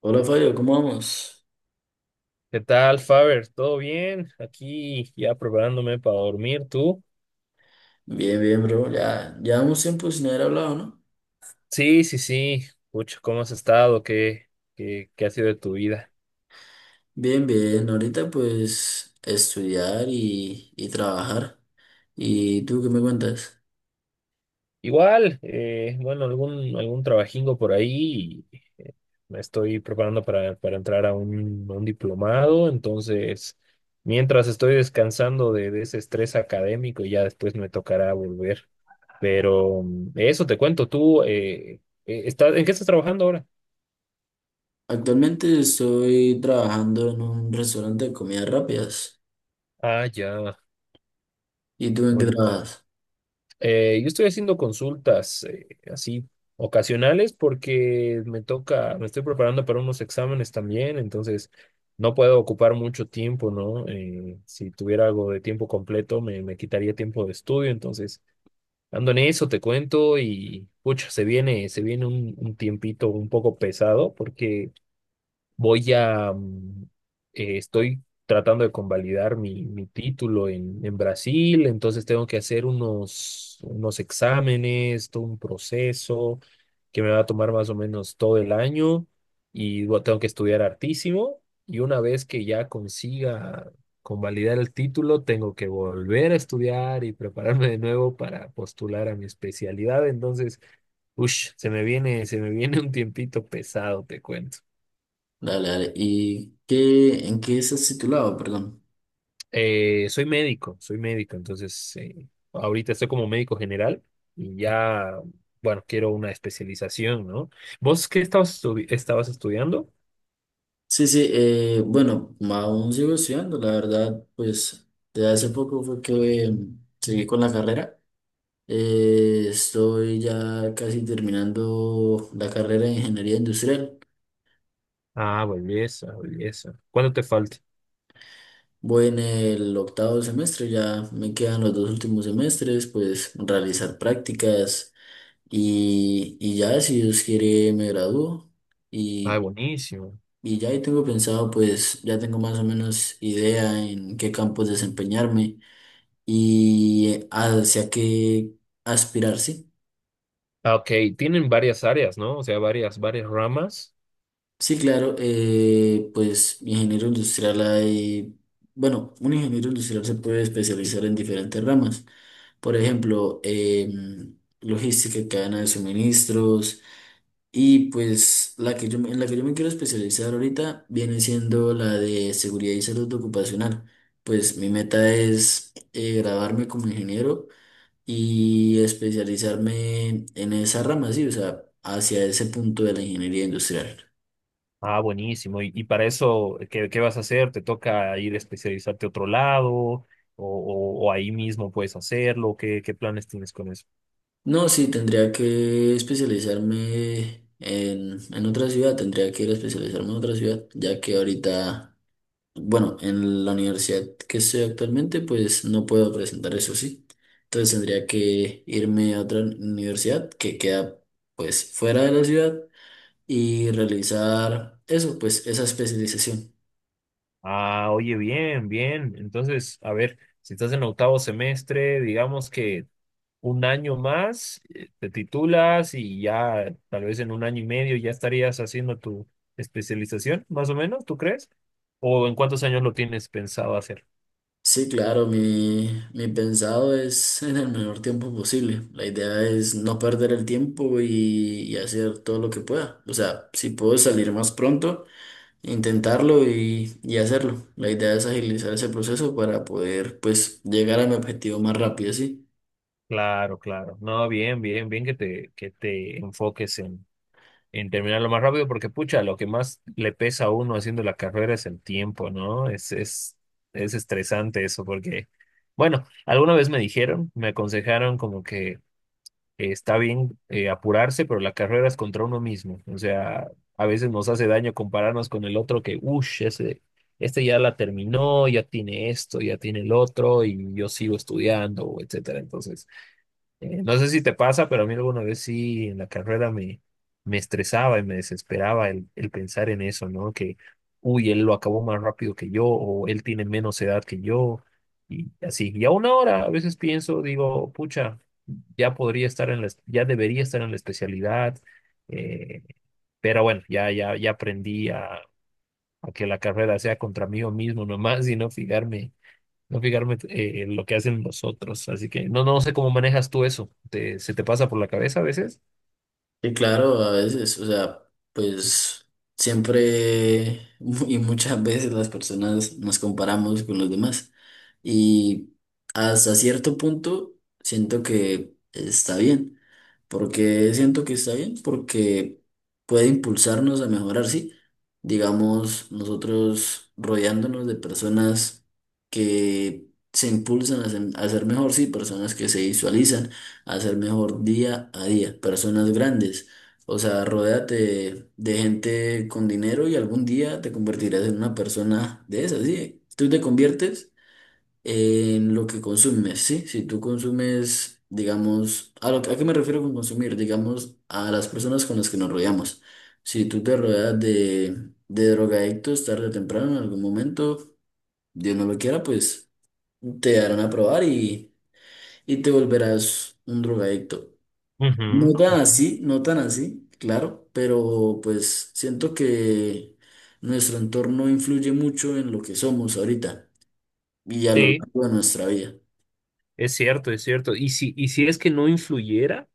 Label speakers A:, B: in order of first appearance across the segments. A: Hola Fabio, ¿cómo vamos?
B: ¿Qué tal, Faber? ¿Todo bien? Aquí ya preparándome para dormir, ¿tú?
A: Bien, bien, bro. Ya llevamos tiempo sin haber hablado, ¿no?
B: Sí, sí, sí. Pucha, ¿cómo has estado? ¿Qué ha sido de tu vida?
A: Bien, bien. Ahorita pues estudiar y trabajar. ¿Y tú qué me cuentas?
B: Igual, bueno, algún trabajingo por ahí. Y, me estoy preparando para entrar a un diplomado, entonces, mientras estoy descansando de ese estrés académico, ya después me tocará volver. Pero eso te cuento. Tú, ¿en qué estás trabajando ahora?
A: Actualmente estoy trabajando en un restaurante de comidas rápidas.
B: Ah, ya.
A: ¿Y tú en qué
B: Bueno.
A: trabajas?
B: Yo estoy haciendo consultas así ocasionales porque me toca, me estoy preparando para unos exámenes también, entonces no puedo ocupar mucho tiempo, ¿no? Si tuviera algo de tiempo completo me quitaría tiempo de estudio, entonces ando en eso, te cuento. Y pucha, se viene un tiempito un poco pesado porque voy a, estoy tratando de convalidar mi título en Brasil, entonces tengo que hacer unos exámenes, todo un proceso que me va a tomar más o menos todo el año. Y bueno, tengo que estudiar hartísimo y una vez que ya consiga convalidar el título, tengo que volver a estudiar y prepararme de nuevo para postular a mi especialidad, entonces, ush, se me viene un tiempito pesado, te cuento.
A: Dale, dale. ¿Y qué, en qué estás titulado? Perdón.
B: Soy médico, entonces ahorita estoy como médico general y ya, bueno, quiero una especialización, ¿no? ¿Vos qué estabas estudiando?
A: Sí, sí, bueno, aún sigo estudiando, la verdad, pues de hace poco fue que seguí con la carrera. Estoy ya casi terminando la carrera de ingeniería industrial.
B: Ah, belleza, belleza. ¿Cuánto te falta?
A: Voy en el octavo semestre, ya me quedan los dos últimos semestres, pues realizar prácticas y ya, si Dios quiere, me gradúo.
B: Ah,
A: Y,
B: buenísimo.
A: y ya ahí tengo pensado, pues ya tengo más o menos idea en qué campos desempeñarme y hacia qué aspirar, sí.
B: Ah, ok, tienen varias áreas, ¿no? O sea, varias ramas.
A: Sí, claro, pues ingeniero industrial hay, bueno, un ingeniero industrial se puede especializar en diferentes ramas. Por ejemplo, logística, cadena de suministros y pues la que yo, en la que yo me quiero especializar ahorita viene siendo la de seguridad y salud ocupacional. Pues mi meta es graduarme como ingeniero y especializarme en esa rama, sí, o sea, hacia ese punto de la ingeniería industrial.
B: Ah, buenísimo. Y para eso qué vas a hacer? ¿Te toca ir a especializarte a otro lado? ¿O, o ahí mismo puedes hacerlo? ¿Qué planes tienes con eso?
A: No, sí, tendría que especializarme en otra ciudad, tendría que ir a especializarme en otra ciudad, ya que ahorita, bueno, en la universidad que estoy actualmente, pues no puedo presentar eso, sí. Entonces tendría que irme a otra universidad que queda pues fuera de la ciudad y realizar eso, pues esa especialización.
B: Ah, oye, bien, bien. Entonces, a ver, si estás en octavo semestre, digamos que un año más, te titulas y ya tal vez en un año y medio ya estarías haciendo tu especialización, más o menos, ¿tú crees? ¿O en cuántos años lo tienes pensado hacer?
A: Sí, claro, mi pensado es en el menor tiempo posible. La idea es no perder el tiempo y hacer todo lo que pueda. O sea, si puedo salir más pronto, intentarlo y hacerlo. La idea es agilizar ese proceso para poder, pues, llegar a mi objetivo más rápido, sí.
B: Claro, claro. No, bien, bien, bien que te enfoques en terminarlo más rápido, porque pucha, lo que más le pesa a uno haciendo la carrera es el tiempo, ¿no? Es estresante eso, porque, bueno, alguna vez me dijeron, me aconsejaron como que está bien apurarse, pero la carrera es contra uno mismo, o sea, a veces nos hace daño compararnos con el otro que, uff, este ya la terminó, ya tiene esto, ya tiene el otro, y yo sigo estudiando, etcétera, entonces. No sé si te pasa, pero a mí alguna vez sí en la carrera me estresaba y me desesperaba el pensar en eso, ¿no? Que, uy, él lo acabó más rápido que yo o él tiene menos edad que yo y así. Y aún ahora a veces pienso, digo, pucha, ya podría estar en ya debería estar en la especialidad, eh, pero bueno, ya aprendí a que la carrera sea contra mí mismo nomás y no fijarme en lo que hacen los otros. Así que no, no sé cómo manejas tú eso. ¿Se te pasa por la cabeza a veces?
A: Sí, claro, a veces, o sea, pues siempre y muchas veces las personas nos comparamos con los demás y hasta cierto punto siento que está bien porque puede impulsarnos a mejorar, sí. Digamos, nosotros rodeándonos de personas que se impulsan a ser mejor, sí, personas que se visualizan a ser mejor día a día, personas grandes. O sea, rodéate de gente con dinero y algún día te convertirás en una persona de esas, sí. Tú te conviertes en lo que consumes, ¿sí? Si tú consumes, digamos, ¿a, lo, a qué me refiero con consumir? Digamos, a las personas con las que nos rodeamos. Si tú te rodeas de drogadictos tarde o temprano, en algún momento, Dios no lo quiera, pues te darán a probar y te volverás un drogadicto. No
B: Ujú,
A: tan
B: ujú.
A: así, no tan así, claro, pero pues siento que nuestro entorno influye mucho en lo que somos ahorita y a lo
B: Sí,
A: largo de nuestra vida.
B: es cierto, es cierto. Y si es que no influyera.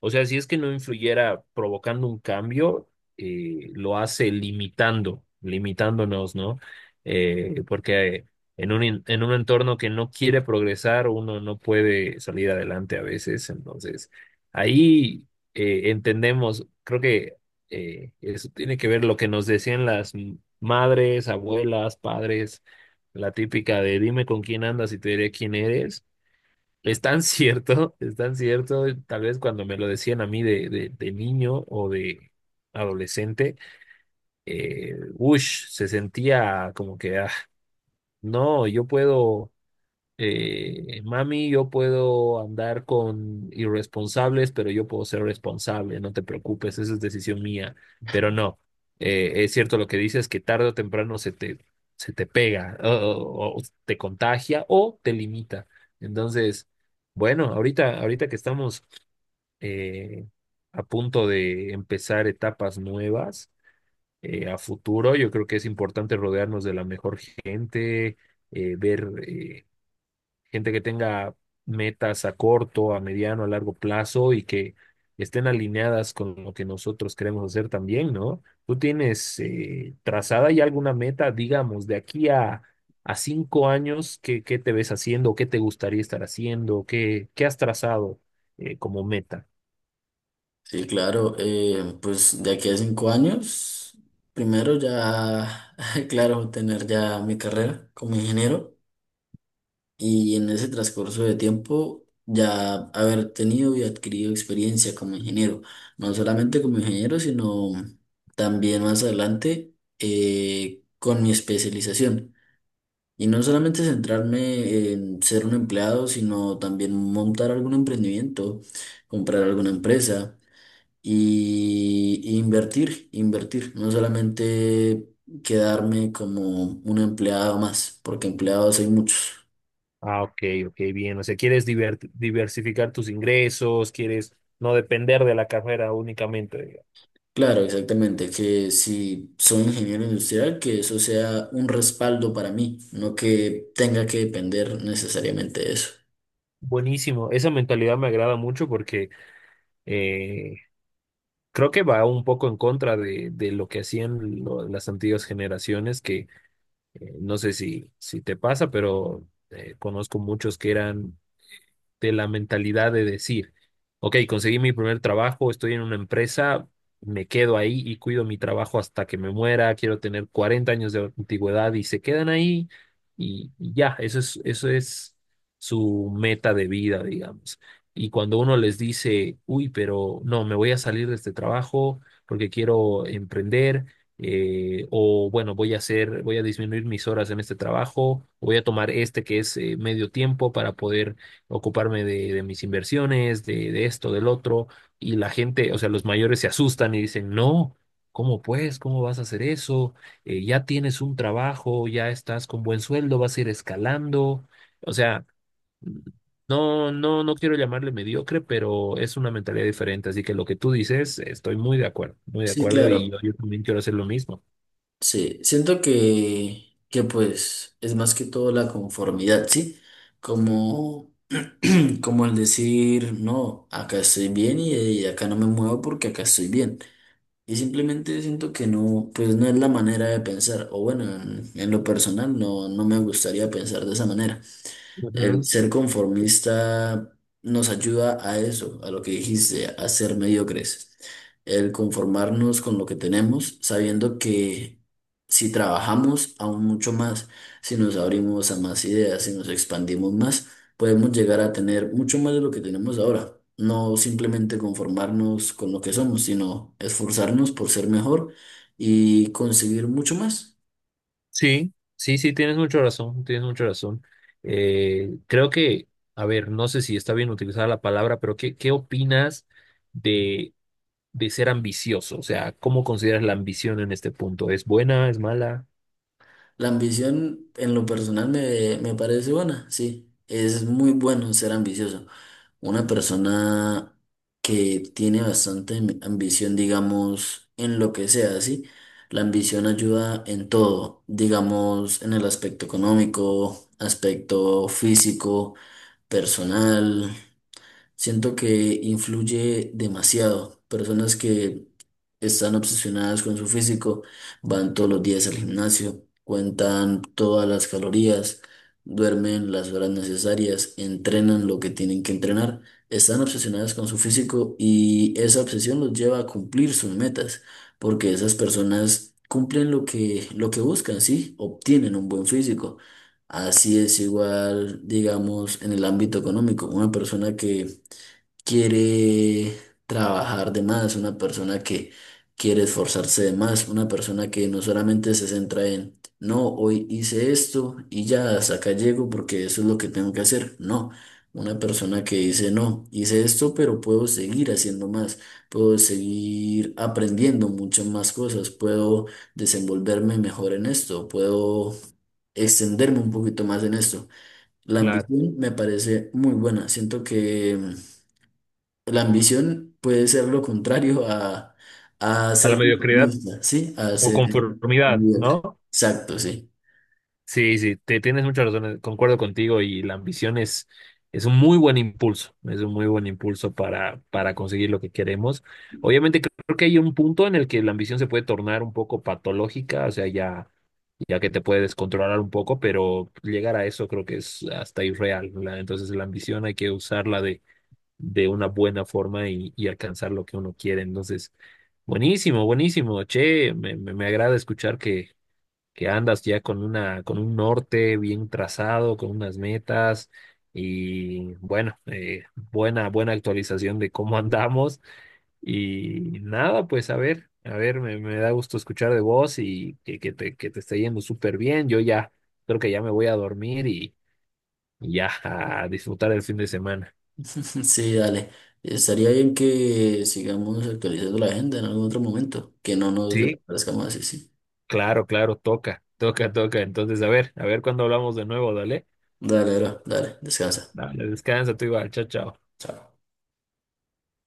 B: O sea, si es que no influyera provocando un cambio, lo hace limitando, limitándonos, ¿no? Porque en un, en un entorno que no quiere progresar, uno no puede salir adelante a veces. Entonces, ahí entendemos, creo que eso tiene que ver lo que nos decían las madres, abuelas, padres, la típica de dime con quién andas y te diré quién eres es tan cierto, tal vez cuando me lo decían a mí de niño o de adolescente, ush, se sentía como que, ah, no, yo puedo mami, yo puedo andar con irresponsables, pero yo puedo ser responsable, no te preocupes, esa es decisión mía. Pero no, es cierto lo que dices, que tarde o temprano se te pega o, o te contagia o te limita. Entonces, bueno, ahorita que estamos eh, a punto de empezar etapas nuevas a futuro, yo creo que es importante rodearnos de la mejor gente, ver gente que tenga metas a corto, a mediano, a largo plazo y que estén alineadas con lo que nosotros queremos hacer también, ¿no? ¿Tú tienes trazada ya alguna meta, digamos, a cinco años, qué te ves haciendo, qué te gustaría estar haciendo, qué has trazado como meta?
A: Sí, claro, pues de aquí a 5 años, primero ya, claro, tener ya mi carrera como ingeniero y en ese transcurso de tiempo ya haber tenido y adquirido experiencia como ingeniero, no solamente como ingeniero, sino también más adelante con mi especialización. Y no solamente centrarme en ser un empleado, sino también montar algún emprendimiento, comprar alguna empresa y invertir, invertir, no solamente quedarme como un empleado más, porque empleados hay muchos.
B: Ah, ok, ok, bien. O sea, quieres diversificar tus ingresos, quieres no depender de la carrera únicamente, digamos.
A: Claro, exactamente, que si soy ingeniero industrial, que eso sea un respaldo para mí, no que tenga que depender necesariamente de eso.
B: Buenísimo. Esa mentalidad me agrada mucho porque eh, creo que va un poco en contra de lo que hacían las antiguas generaciones, que no sé si, si te pasa, pero conozco muchos que eran de la mentalidad de decir, ok, conseguí mi primer trabajo, estoy en una empresa, me quedo ahí y cuido mi trabajo hasta que me muera, quiero tener 40 años de antigüedad y se quedan ahí y ya, eso es su meta de vida, digamos. Y cuando uno les dice, uy, pero no, me voy a salir de este trabajo porque quiero emprender, o bueno, voy a disminuir mis horas en este trabajo, voy a tomar este que es medio tiempo para poder ocuparme de mis inversiones, de esto, del otro, y la gente, o sea, los mayores se asustan y dicen, no, ¿cómo pues? ¿Cómo vas a hacer eso? Ya tienes un trabajo, ya estás con buen sueldo, vas a ir escalando, o sea... No, no, no quiero llamarle mediocre, pero es una mentalidad diferente. Así que lo que tú dices, estoy muy de
A: Sí,
B: acuerdo y
A: claro,
B: yo también quiero hacer lo mismo.
A: sí, siento que pues es más que todo la conformidad, ¿sí? Como, como el decir, no, acá estoy bien y acá no me muevo porque acá estoy bien. Y simplemente siento que no, pues no es la manera de pensar, o bueno, en lo personal no, no me gustaría pensar de esa manera. El
B: Ujú.
A: ser conformista nos ayuda a eso, a lo que dijiste, a ser mediocres. El conformarnos con lo que tenemos, sabiendo que si trabajamos aún mucho más, si nos abrimos a más ideas, si nos expandimos más, podemos llegar a tener mucho más de lo que tenemos ahora. No simplemente conformarnos con lo que somos, sino esforzarnos por ser mejor y conseguir mucho más.
B: Sí, sí, sí, tienes mucha razón, tienes mucha razón. Creo que, a ver, no sé si está bien utilizar la palabra, pero ¿qué opinas de, de ser ambicioso? O sea, ¿cómo consideras la ambición en este punto? ¿Es buena, es mala?
A: La ambición en lo personal me parece buena, sí. Es muy bueno ser ambicioso. Una persona que tiene bastante ambición, digamos, en lo que sea, sí. La ambición ayuda en todo, digamos, en el aspecto económico, aspecto físico, personal. Siento que influye demasiado. Personas que están obsesionadas con su físico, van todos los días al gimnasio, cuentan todas las calorías, duermen las horas necesarias, entrenan lo que tienen que entrenar, están obsesionadas con su físico y esa obsesión los lleva a cumplir sus metas, porque esas personas cumplen lo que buscan, ¿sí? Obtienen un buen físico. Así es igual, digamos, en el ámbito económico. Una persona que quiere trabajar de más, una persona que quiere esforzarse de más, una persona que no solamente se centra en, no, hoy hice esto y ya hasta acá llego porque eso es lo que tengo que hacer. No, una persona que dice, no, hice esto, pero puedo seguir haciendo más, puedo seguir aprendiendo muchas más cosas, puedo desenvolverme mejor en esto, puedo extenderme un poquito más en esto. La
B: Claro.
A: ambición me parece muy buena. Siento que la ambición puede ser lo contrario a
B: A la
A: ser
B: mediocridad
A: conformista, ¿sí? A
B: o
A: ser
B: conformidad,
A: líder.
B: ¿no?
A: Exacto, sí.
B: Sí, sí, te tienes mucha razón, concuerdo contigo y la ambición es un muy buen impulso, es un muy buen impulso para conseguir lo que queremos. Obviamente creo que hay un punto en el que la ambición se puede tornar un poco patológica, o sea, ya, ya que te puede descontrolar un poco, pero llegar a eso creo que es hasta irreal, ¿verdad? Entonces la ambición hay que usarla de una buena forma y alcanzar lo que uno quiere. Entonces, buenísimo, buenísimo, che, me agrada escuchar que andas ya con una, con un norte bien trazado, con unas metas y bueno, buena, buena actualización de cómo andamos. Y nada, pues a ver, me da gusto escuchar de vos y que, que te esté yendo súper bien. Yo ya creo que ya me voy a dormir y ya a disfrutar el fin de semana.
A: Sí, dale. Estaría bien que sigamos actualizando la agenda en algún otro momento, que no nos
B: Sí,
A: desaparezcamos así, sí.
B: claro, claro, toca, toca, toca. Entonces, a ver cuándo hablamos de nuevo, dale.
A: Dale, bro, dale, descansa.
B: Dale. Descansa, tú igual, chao, chao.
A: Chao.